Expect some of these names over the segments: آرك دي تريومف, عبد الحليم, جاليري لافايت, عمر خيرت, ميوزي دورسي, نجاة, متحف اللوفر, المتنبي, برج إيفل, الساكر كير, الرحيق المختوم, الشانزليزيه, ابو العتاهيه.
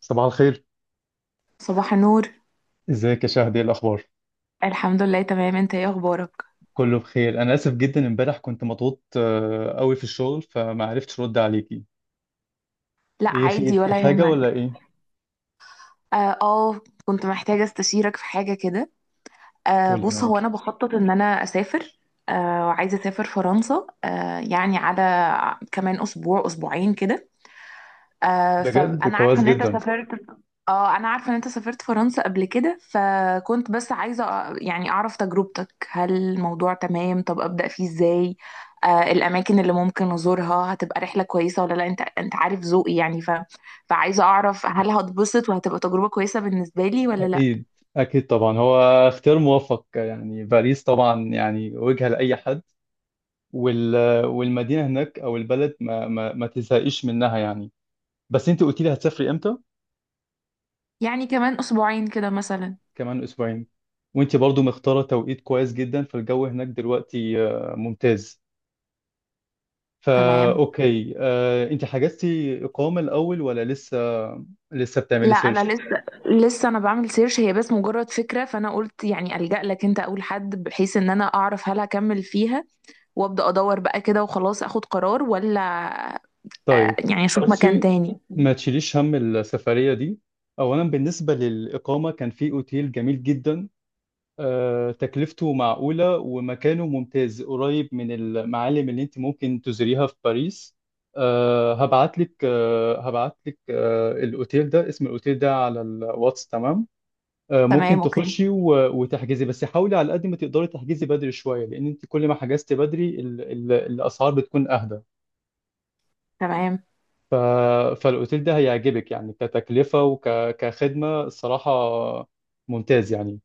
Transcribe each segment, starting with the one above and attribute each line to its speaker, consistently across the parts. Speaker 1: صباح الخير.
Speaker 2: صباح النور.
Speaker 1: ازيك يا شهد؟ ايه الاخبار؟
Speaker 2: الحمد لله، تمام. انت ايه اخبارك؟
Speaker 1: كله بخير. انا اسف جدا، امبارح كنت مضغوط قوي في الشغل فما عرفتش ارد عليكي.
Speaker 2: لا،
Speaker 1: ايه خير،
Speaker 2: عادي،
Speaker 1: في
Speaker 2: ولا
Speaker 1: حاجه ولا
Speaker 2: يهمك.
Speaker 1: ايه؟
Speaker 2: اه، اه، كنت محتاجة استشيرك في حاجة كده.
Speaker 1: قولي
Speaker 2: بص، هو
Speaker 1: معاكي.
Speaker 2: انا بخطط ان انا اسافر. وعايزة اسافر فرنسا، يعني على كمان اسبوع اسبوعين كده.
Speaker 1: بجد
Speaker 2: فانا عارفه
Speaker 1: كويس
Speaker 2: ان انت
Speaker 1: جدا.
Speaker 2: سافرت. اه انا عارفه ان انت سافرت فرنسا قبل كده، فكنت بس عايزه يعني اعرف تجربتك. هل الموضوع تمام؟ طب ابدا فيه ازاي؟ الاماكن اللي ممكن ازورها هتبقى رحله كويسه ولا لا؟ انت عارف ذوقي يعني فعايزه اعرف هل هتبسط وهتبقى تجربه كويسه بالنسبه لي ولا لا.
Speaker 1: اكيد، اكيد طبعا، هو اختيار موفق يعني. باريس طبعا يعني وجهه لاي حد، وال... والمدينه هناك او البلد ما تزهقيش منها يعني. بس انت قلتي لي هتسافري امتى؟
Speaker 2: يعني كمان اسبوعين كده مثلا.
Speaker 1: كمان اسبوعين. وانت برضو مختاره توقيت كويس جدا، فالجو هناك دلوقتي ممتاز. فا
Speaker 2: تمام.
Speaker 1: اوكي آه، انت حجزتي اقامه الاول ولا لسه؟ لسه بتعملي
Speaker 2: لا، انا
Speaker 1: سيرش؟
Speaker 2: لسه انا بعمل سيرش. هي بس مجرد فكره، فانا قلت يعني الجا لك انت اول حد بحيث ان انا اعرف هل هكمل فيها وابدا ادور بقى كده وخلاص اخد قرار، ولا
Speaker 1: طيب
Speaker 2: يعني اشوف مكان
Speaker 1: بصي،
Speaker 2: تاني.
Speaker 1: ما تشيليش هم السفريه دي. اولا بالنسبه للاقامه كان في اوتيل جميل جدا، تكلفته معقوله ومكانه ممتاز قريب من المعالم اللي انت ممكن تزوريها في باريس. هبعت لك الاوتيل ده، اسم الاوتيل ده على الواتس، تمام؟ ممكن
Speaker 2: تمام، اوكي.
Speaker 1: تخشي وتحجزي، بس حاولي على قد ما تقدري تحجزي بدري شوية، لأن أنت كل ما حجزتي بدري الأسعار بتكون أهدى.
Speaker 2: تمام.
Speaker 1: ف... فالأوتيل ده هيعجبك يعني، كتكلفة وكخدمة الصراحة ممتاز يعني.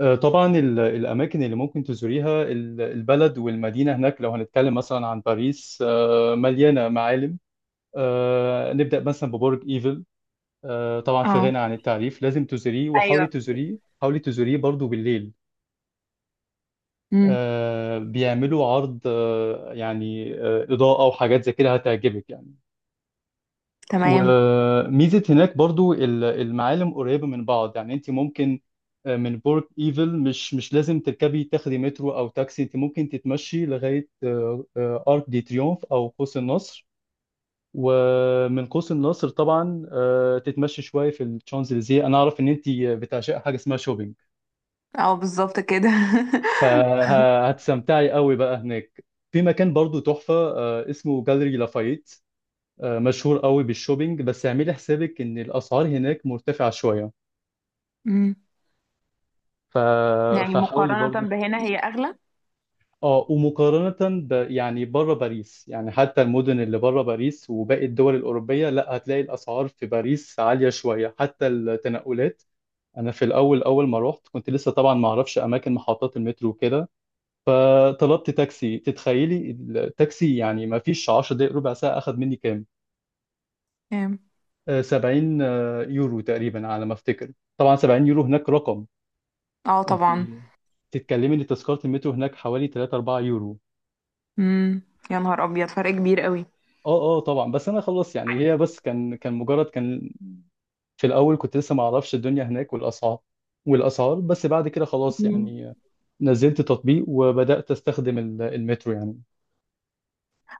Speaker 1: طبعا الأماكن اللي ممكن تزوريها، البلد والمدينة هناك، لو هنتكلم مثلا عن باريس مليانة معالم. نبدأ مثلا ببرج إيفل، طبعا في
Speaker 2: اه،
Speaker 1: غنى عن التعريف، لازم تزوريه، وحاولي
Speaker 2: ايوه،
Speaker 1: تزوريه حاولي تزوريه برضو بالليل.
Speaker 2: امم،
Speaker 1: بيعملوا عرض إضاءة وحاجات زي كده هتعجبك يعني.
Speaker 2: تمام.
Speaker 1: وميزة هناك برضو المعالم قريبة من بعض، يعني انت ممكن من برج ايفل مش لازم تركبي تاخدي مترو او تاكسي، انت ممكن تتمشي لغاية آرك دي تريومف او قوس النصر. ومن قوس النصر طبعا تتمشي شوية في الشانزليزيه. انا اعرف ان انت بتعشق حاجة اسمها شوبينج،
Speaker 2: اه، بالظبط كده.
Speaker 1: فهتستمتعي قوي بقى هناك. في مكان برضو تحفة اسمه جاليري لافايت، مشهور قوي بالشوبينج، بس اعملي حسابك ان الاسعار هناك مرتفعة شوية.
Speaker 2: امم.
Speaker 1: ف...
Speaker 2: يعني
Speaker 1: فحاولي
Speaker 2: مقارنة
Speaker 1: برضو.
Speaker 2: بهنا هي اغلى.
Speaker 1: اه، ومقارنة يعني بره باريس، يعني حتى المدن اللي بره باريس وباقي الدول الأوروبية، لا، هتلاقي الأسعار في باريس عالية شوية، حتى التنقلات. أنا في الأول، أول ما رحت كنت لسه طبعا ما أعرفش أماكن محطات المترو وكده، فطلبت تاكسي. تتخيلي التاكسي، يعني ما فيش 10 دقايق ربع ساعة، أخذ مني كام؟
Speaker 2: كام؟
Speaker 1: 70 يورو تقريبا على ما أفتكر. طبعا 70 يورو هناك رقم.
Speaker 2: اه،
Speaker 1: أنت
Speaker 2: طبعا.
Speaker 1: تتكلمي إن تذكرة المترو هناك حوالي 3 4 يورو.
Speaker 2: امم. يا نهار ابيض، فرق كبير قوي.
Speaker 1: أه أه طبعا، بس أنا خلاص يعني، هي بس كان مجرد، كان في الأول كنت لسه ما أعرفش الدنيا هناك والأسعار. بس بعد كده خلاص
Speaker 2: مم.
Speaker 1: يعني، نزلت تطبيق وبدأت أستخدم المترو يعني.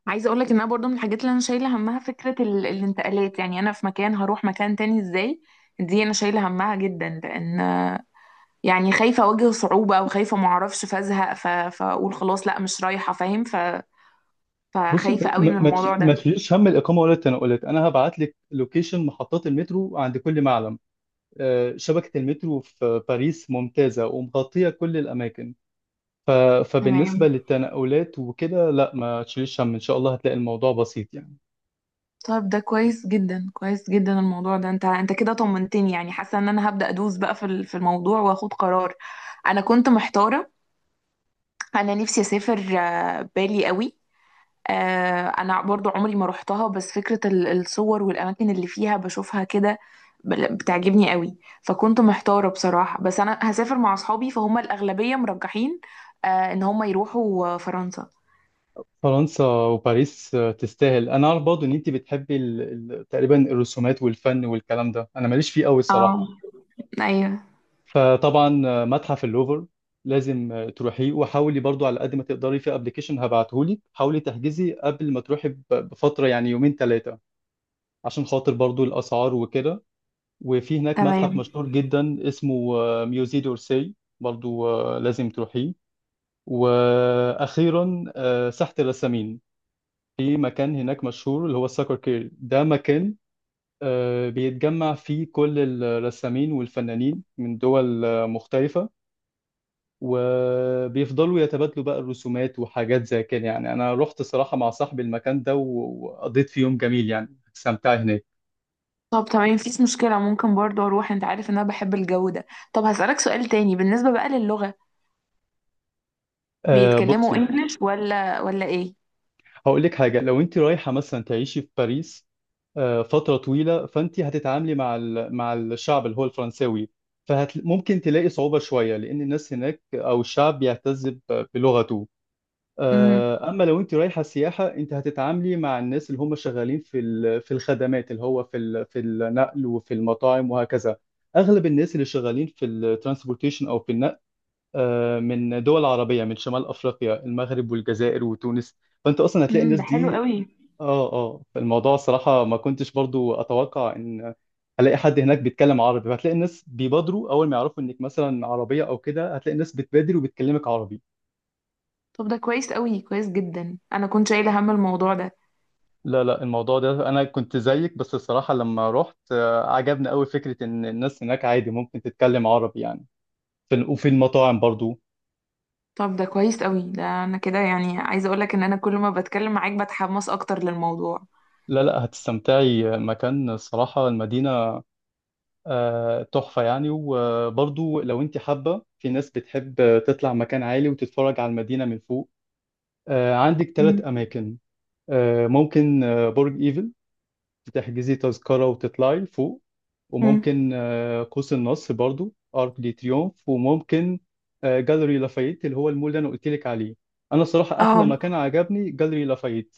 Speaker 2: عايزه اقول لك ان انا برضو من الحاجات اللي انا شايله همها فكره الانتقالات، يعني انا في مكان هروح مكان تاني ازاي. دي انا شايله همها جدا، لان يعني خايفة أواجه صعوبة، وخايفة معرفش فازهق، فأقول خلاص لأ مش رايحة، فاهم؟
Speaker 1: بص،
Speaker 2: فخايفة
Speaker 1: ب-
Speaker 2: قوي
Speaker 1: ما
Speaker 2: من
Speaker 1: ما تش-
Speaker 2: الموضوع
Speaker 1: ما
Speaker 2: ده.
Speaker 1: تشيلش هم الاقامه ولا التنقلات، انا هبعت لك لوكيشن محطات المترو عند كل معلم. شبكه المترو في باريس ممتازه ومغطيه كل الاماكن،
Speaker 2: تمام.
Speaker 1: فبالنسبه للتنقلات وكده لا، ما تشيلش هم، ان شاء الله هتلاقي الموضوع بسيط يعني.
Speaker 2: طيب، ده كويس جدا، كويس جدا الموضوع ده، انت كده طمنتني. يعني حاسة ان انا هبدأ ادوس بقى في الموضوع واخد قرار. انا كنت محتارة. انا نفسي اسافر، بالي قوي. آه، انا برضو عمري ما روحتها، بس فكرة الصور والاماكن اللي فيها بشوفها كده بتعجبني قوي. فكنت محتارة بصراحة، بس انا هسافر مع اصحابي، فهم الاغلبية مرجحين ان هم يروحوا فرنسا.
Speaker 1: فرنسا وباريس تستاهل. انا عارف برضه ان انت بتحبي تقريبا الرسومات والفن والكلام ده، انا ماليش فيه قوي
Speaker 2: اه،
Speaker 1: الصراحه.
Speaker 2: ايوه.
Speaker 1: فطبعا متحف اللوفر لازم تروحيه، وحاولي برضو على قد ما تقدري في ابلكيشن هبعتهولك، حاولي تحجزي قبل ما تروحي بفترة يعني يومين ثلاثة، عشان خاطر برضو الاسعار وكده. وفي هناك متحف
Speaker 2: تمام.
Speaker 1: مشهور جدا اسمه ميوزي دورسي، برضو لازم تروحيه. واخيرا ساحة الرسامين، في مكان هناك مشهور اللي هو الساكر كير، ده مكان بيتجمع فيه كل الرسامين والفنانين من دول مختلفة، وبيفضلوا يتبادلوا بقى الرسومات وحاجات زي كده. يعني انا رحت صراحة مع صاحبي المكان ده وقضيت فيه يوم جميل يعني، استمتعت هناك.
Speaker 2: طب تمام، مفيش مشكلة، ممكن برضو اروح، انت عارف ان انا بحب الجو ده. طب هسألك سؤال تاني بالنسبة بقى للغة.
Speaker 1: آه
Speaker 2: بيتكلموا
Speaker 1: بصي،
Speaker 2: انجلش ولا ايه؟
Speaker 1: هقول لك حاجة. لو انت رايحة مثلا تعيشي في باريس آه فترة طويلة، فانت هتتعاملي مع مع الشعب اللي هو الفرنساوي، فممكن تلاقي صعوبة شوية لأن الناس هناك أو الشعب بيعتز بلغته.
Speaker 2: امم.
Speaker 1: اما لو انت رايحه سياحه، انت هتتعاملي مع الناس اللي هم شغالين في في الخدمات، اللي هو في في النقل وفي المطاعم وهكذا. اغلب الناس اللي شغالين في الترانسبورتيشن او في النقل من دول عربيه، من شمال افريقيا، المغرب والجزائر وتونس، فانت اصلا هتلاقي
Speaker 2: امم،
Speaker 1: الناس
Speaker 2: ده حلو
Speaker 1: دي.
Speaker 2: قوي.
Speaker 1: اه اه، فالموضوع صراحه ما كنتش برضو اتوقع ان هلاقي حد هناك بيتكلم عربي، فهتلاقي الناس بيبادروا اول ما يعرفوا انك مثلا عربيه او كده، هتلاقي الناس بتبادر وبتكلمك عربي.
Speaker 2: طب ده كويس قوي، كويس جدا، انا كنت شايلة هم الموضوع ده.
Speaker 1: لا لا، الموضوع ده انا كنت زيك، بس الصراحه لما رحت عجبني قوي فكره ان الناس هناك عادي ممكن تتكلم عربي يعني، في وفي المطاعم برضو.
Speaker 2: طب ده كويس قوي، ده انا كده يعني عايزه اقول لك ان انا كل ما بتكلم معاك بتحمس اكتر للموضوع.
Speaker 1: لا لا، هتستمتعي. مكان الصراحه المدينه تحفه يعني. وبرضو لو انت حابه، في ناس بتحب تطلع مكان عالي وتتفرج على المدينه من فوق، عندك ثلاث
Speaker 2: مم.
Speaker 1: اماكن. آه، ممكن آه، برج ايفل تحجزي تذكرة وتطلعي لفوق،
Speaker 2: مم.
Speaker 1: وممكن قوس النصر برضو ارك دي تريومف، وممكن جاليري لافايت اللي هو المول اللي انا قلت لك عليه. انا صراحة احلى
Speaker 2: اه.
Speaker 1: مكان عجبني جاليري لافايت.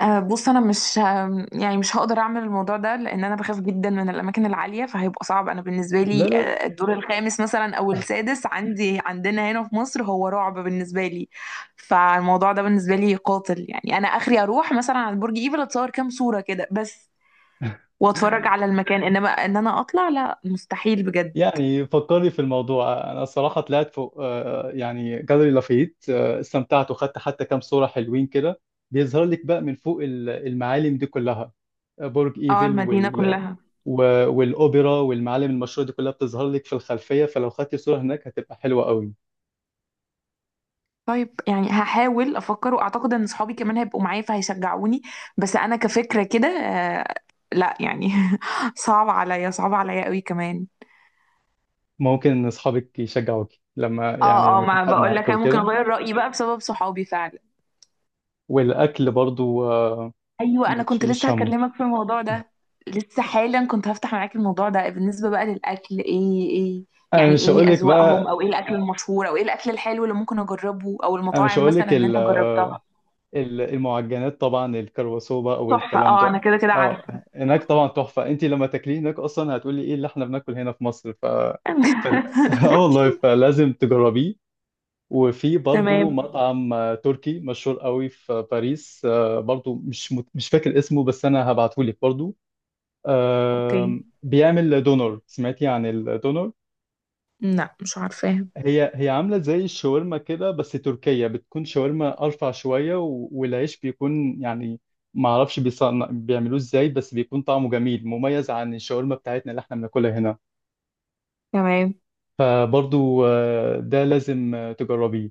Speaker 2: بص، انا مش يعني مش هقدر اعمل الموضوع ده، لان انا بخاف جدا من الاماكن العاليه، فهيبقى صعب انا بالنسبه
Speaker 1: لا
Speaker 2: لي
Speaker 1: لا
Speaker 2: الدور الخامس مثلا او السادس عندنا هنا في مصر هو رعب بالنسبه لي. فالموضوع ده بالنسبه لي قاتل، يعني انا اخري اروح مثلا على برج ايفل، اتصور كام صوره كده بس واتفرج على المكان، انما ان انا اطلع لا مستحيل بجد.
Speaker 1: يعني فكرني في الموضوع. انا صراحة طلعت فوق يعني جاليري لافايت، استمتعت وخدت حتى كام صورة حلوين كده، بيظهر لك بقى من فوق المعالم دي كلها، برج
Speaker 2: اه
Speaker 1: ايفل
Speaker 2: المدينه كلها.
Speaker 1: والاوبرا والمعالم المشهوره دي كلها بتظهر لك في الخلفيه، فلو خدتي صوره هناك هتبقى حلوه قوي.
Speaker 2: طيب يعني هحاول افكر، واعتقد ان صحابي كمان هيبقوا معايا فهيشجعوني. بس انا كفكرة كده، لا يعني صعب عليا، صعب عليا قوي كمان.
Speaker 1: ممكن ان اصحابك يشجعوك، لما يعني
Speaker 2: اه، اه،
Speaker 1: لما يكون
Speaker 2: ما
Speaker 1: حد
Speaker 2: بقول لك
Speaker 1: معاكي
Speaker 2: انا ممكن
Speaker 1: وكده.
Speaker 2: اغير رأيي بقى بسبب صحابي فعلا.
Speaker 1: والاكل برضو
Speaker 2: ايوه، انا
Speaker 1: ما
Speaker 2: كنت لسه
Speaker 1: تشيليش همه.
Speaker 2: هكلمك في الموضوع ده. لسه حالا كنت هفتح معاك الموضوع ده بالنسبة بقى للاكل. ايه، ايه؟
Speaker 1: انا
Speaker 2: يعني
Speaker 1: مش هقول
Speaker 2: ايه
Speaker 1: لك
Speaker 2: اذواقهم،
Speaker 1: بقى،
Speaker 2: او ايه الاكل المشهور، او ايه الاكل الحلو اللي ممكن اجربه، او
Speaker 1: انا مش
Speaker 2: المطاعم
Speaker 1: هقول لك
Speaker 2: مثلا اللي
Speaker 1: ال-
Speaker 2: انت جربتها؟
Speaker 1: آه، ال- المعجنات طبعا، الكرواسو بقى
Speaker 2: تحفة،
Speaker 1: والكلام
Speaker 2: اه، انا
Speaker 1: ده،
Speaker 2: كده كده
Speaker 1: اه
Speaker 2: عارفة.
Speaker 1: هناك طبعا تحفه. انت لما تاكليه هناك اصلا هتقولي ايه اللي احنا بناكل هنا في مصر. فال- اه والله، فلازم تجربيه. وفي برضو
Speaker 2: تمام،
Speaker 1: مطعم تركي مشهور قوي في باريس، برضو مش فاكر اسمه بس انا هبعته لك برضو.
Speaker 2: اوكي.
Speaker 1: بيعمل دونر. سمعتي عن الدونر؟
Speaker 2: لا، مش عارفاها.
Speaker 1: هي عامله زي الشاورما كده بس تركيه، بتكون شاورما ارفع شويه والعيش بيكون يعني ما اعرفش بيعملوه ازاي، بس بيكون طعمه جميل مميز عن الشاورما بتاعتنا اللي احنا بناكلها هنا،
Speaker 2: تمام.
Speaker 1: فبرضو ده لازم تجربيه.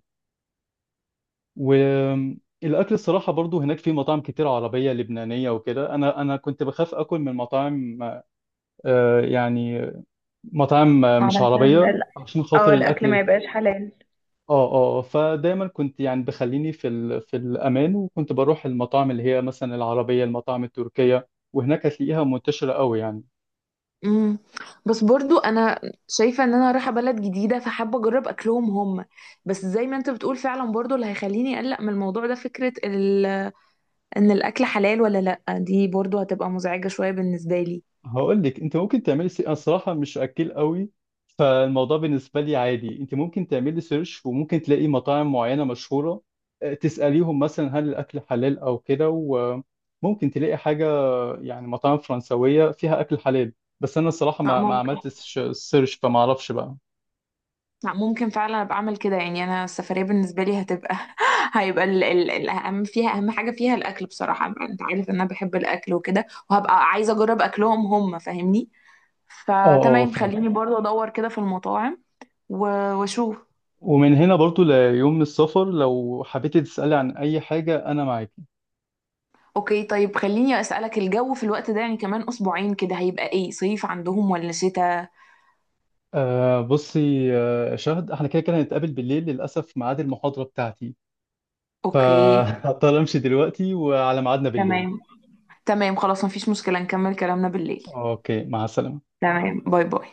Speaker 1: والاكل الصراحه برضو هناك في مطاعم كتير عربيه لبنانيه وكده. انا كنت بخاف اكل من مطاعم آه، يعني مطاعم مش
Speaker 2: علشان
Speaker 1: عربيه عشان
Speaker 2: اه
Speaker 1: خاطر الاكل
Speaker 2: الاكل ما يبقاش حلال.
Speaker 1: اه اه، فدايما كنت يعني بخليني في الامان، وكنت بروح المطاعم اللي هي مثلا العربيه، المطاعم التركيه، وهناك هتلاقيها منتشره قوي يعني.
Speaker 2: امم. بس برضو انا شايفه ان انا رايحه بلد جديده، فحابه اجرب اكلهم هم. بس زي ما انت بتقول، فعلا برضو اللي هيخليني اقلق من الموضوع ده فكره ان الاكل حلال ولا لا، دي برضو هتبقى مزعجه شويه بالنسبه لي.
Speaker 1: هقول لك، انت ممكن تعملي انا صراحه مش اكل قوي، فالموضوع بالنسبه لي عادي. انت ممكن تعملي سيرش وممكن تلاقي مطاعم معينه مشهوره، تساليهم مثلا هل الاكل حلال او كده، وممكن تلاقي حاجه يعني مطاعم فرنسويه فيها اكل حلال. بس انا الصراحه ما
Speaker 2: ممكن.
Speaker 1: عملتش سيرش فما اعرفش بقى.
Speaker 2: لا، ممكن فعلا ابقى اعمل كده، يعني انا السفريه بالنسبه لي هتبقى هيبقى ال الاهم فيها، اهم حاجه فيها الاكل بصراحه. انت عارف ان انا بحب الاكل وكده، وهبقى عايزه اجرب اكلهم هم، فاهمني؟
Speaker 1: اه اه،
Speaker 2: فتمام،
Speaker 1: فهمت.
Speaker 2: خليني برضه ادور كده في المطاعم واشوف.
Speaker 1: ومن هنا برضو ليوم السفر لو حبيتي تسالي عن اي حاجه انا معاك.
Speaker 2: اوكي، طيب، خليني اسالك، الجو في الوقت ده يعني كمان اسبوعين كده هيبقى ايه؟ صيف عندهم ولا شتاء؟
Speaker 1: آه بصي، آه شهد، احنا كده كده هنتقابل بالليل. للاسف ميعاد المحاضره بتاعتي،
Speaker 2: اوكي.
Speaker 1: فهضطر امشي دلوقتي، وعلى ميعادنا بالليل.
Speaker 2: تمام. تمام، خلاص، مفيش مشكله، نكمل كلامنا بالليل.
Speaker 1: اوكي، مع السلامة.
Speaker 2: تمام، باي باي.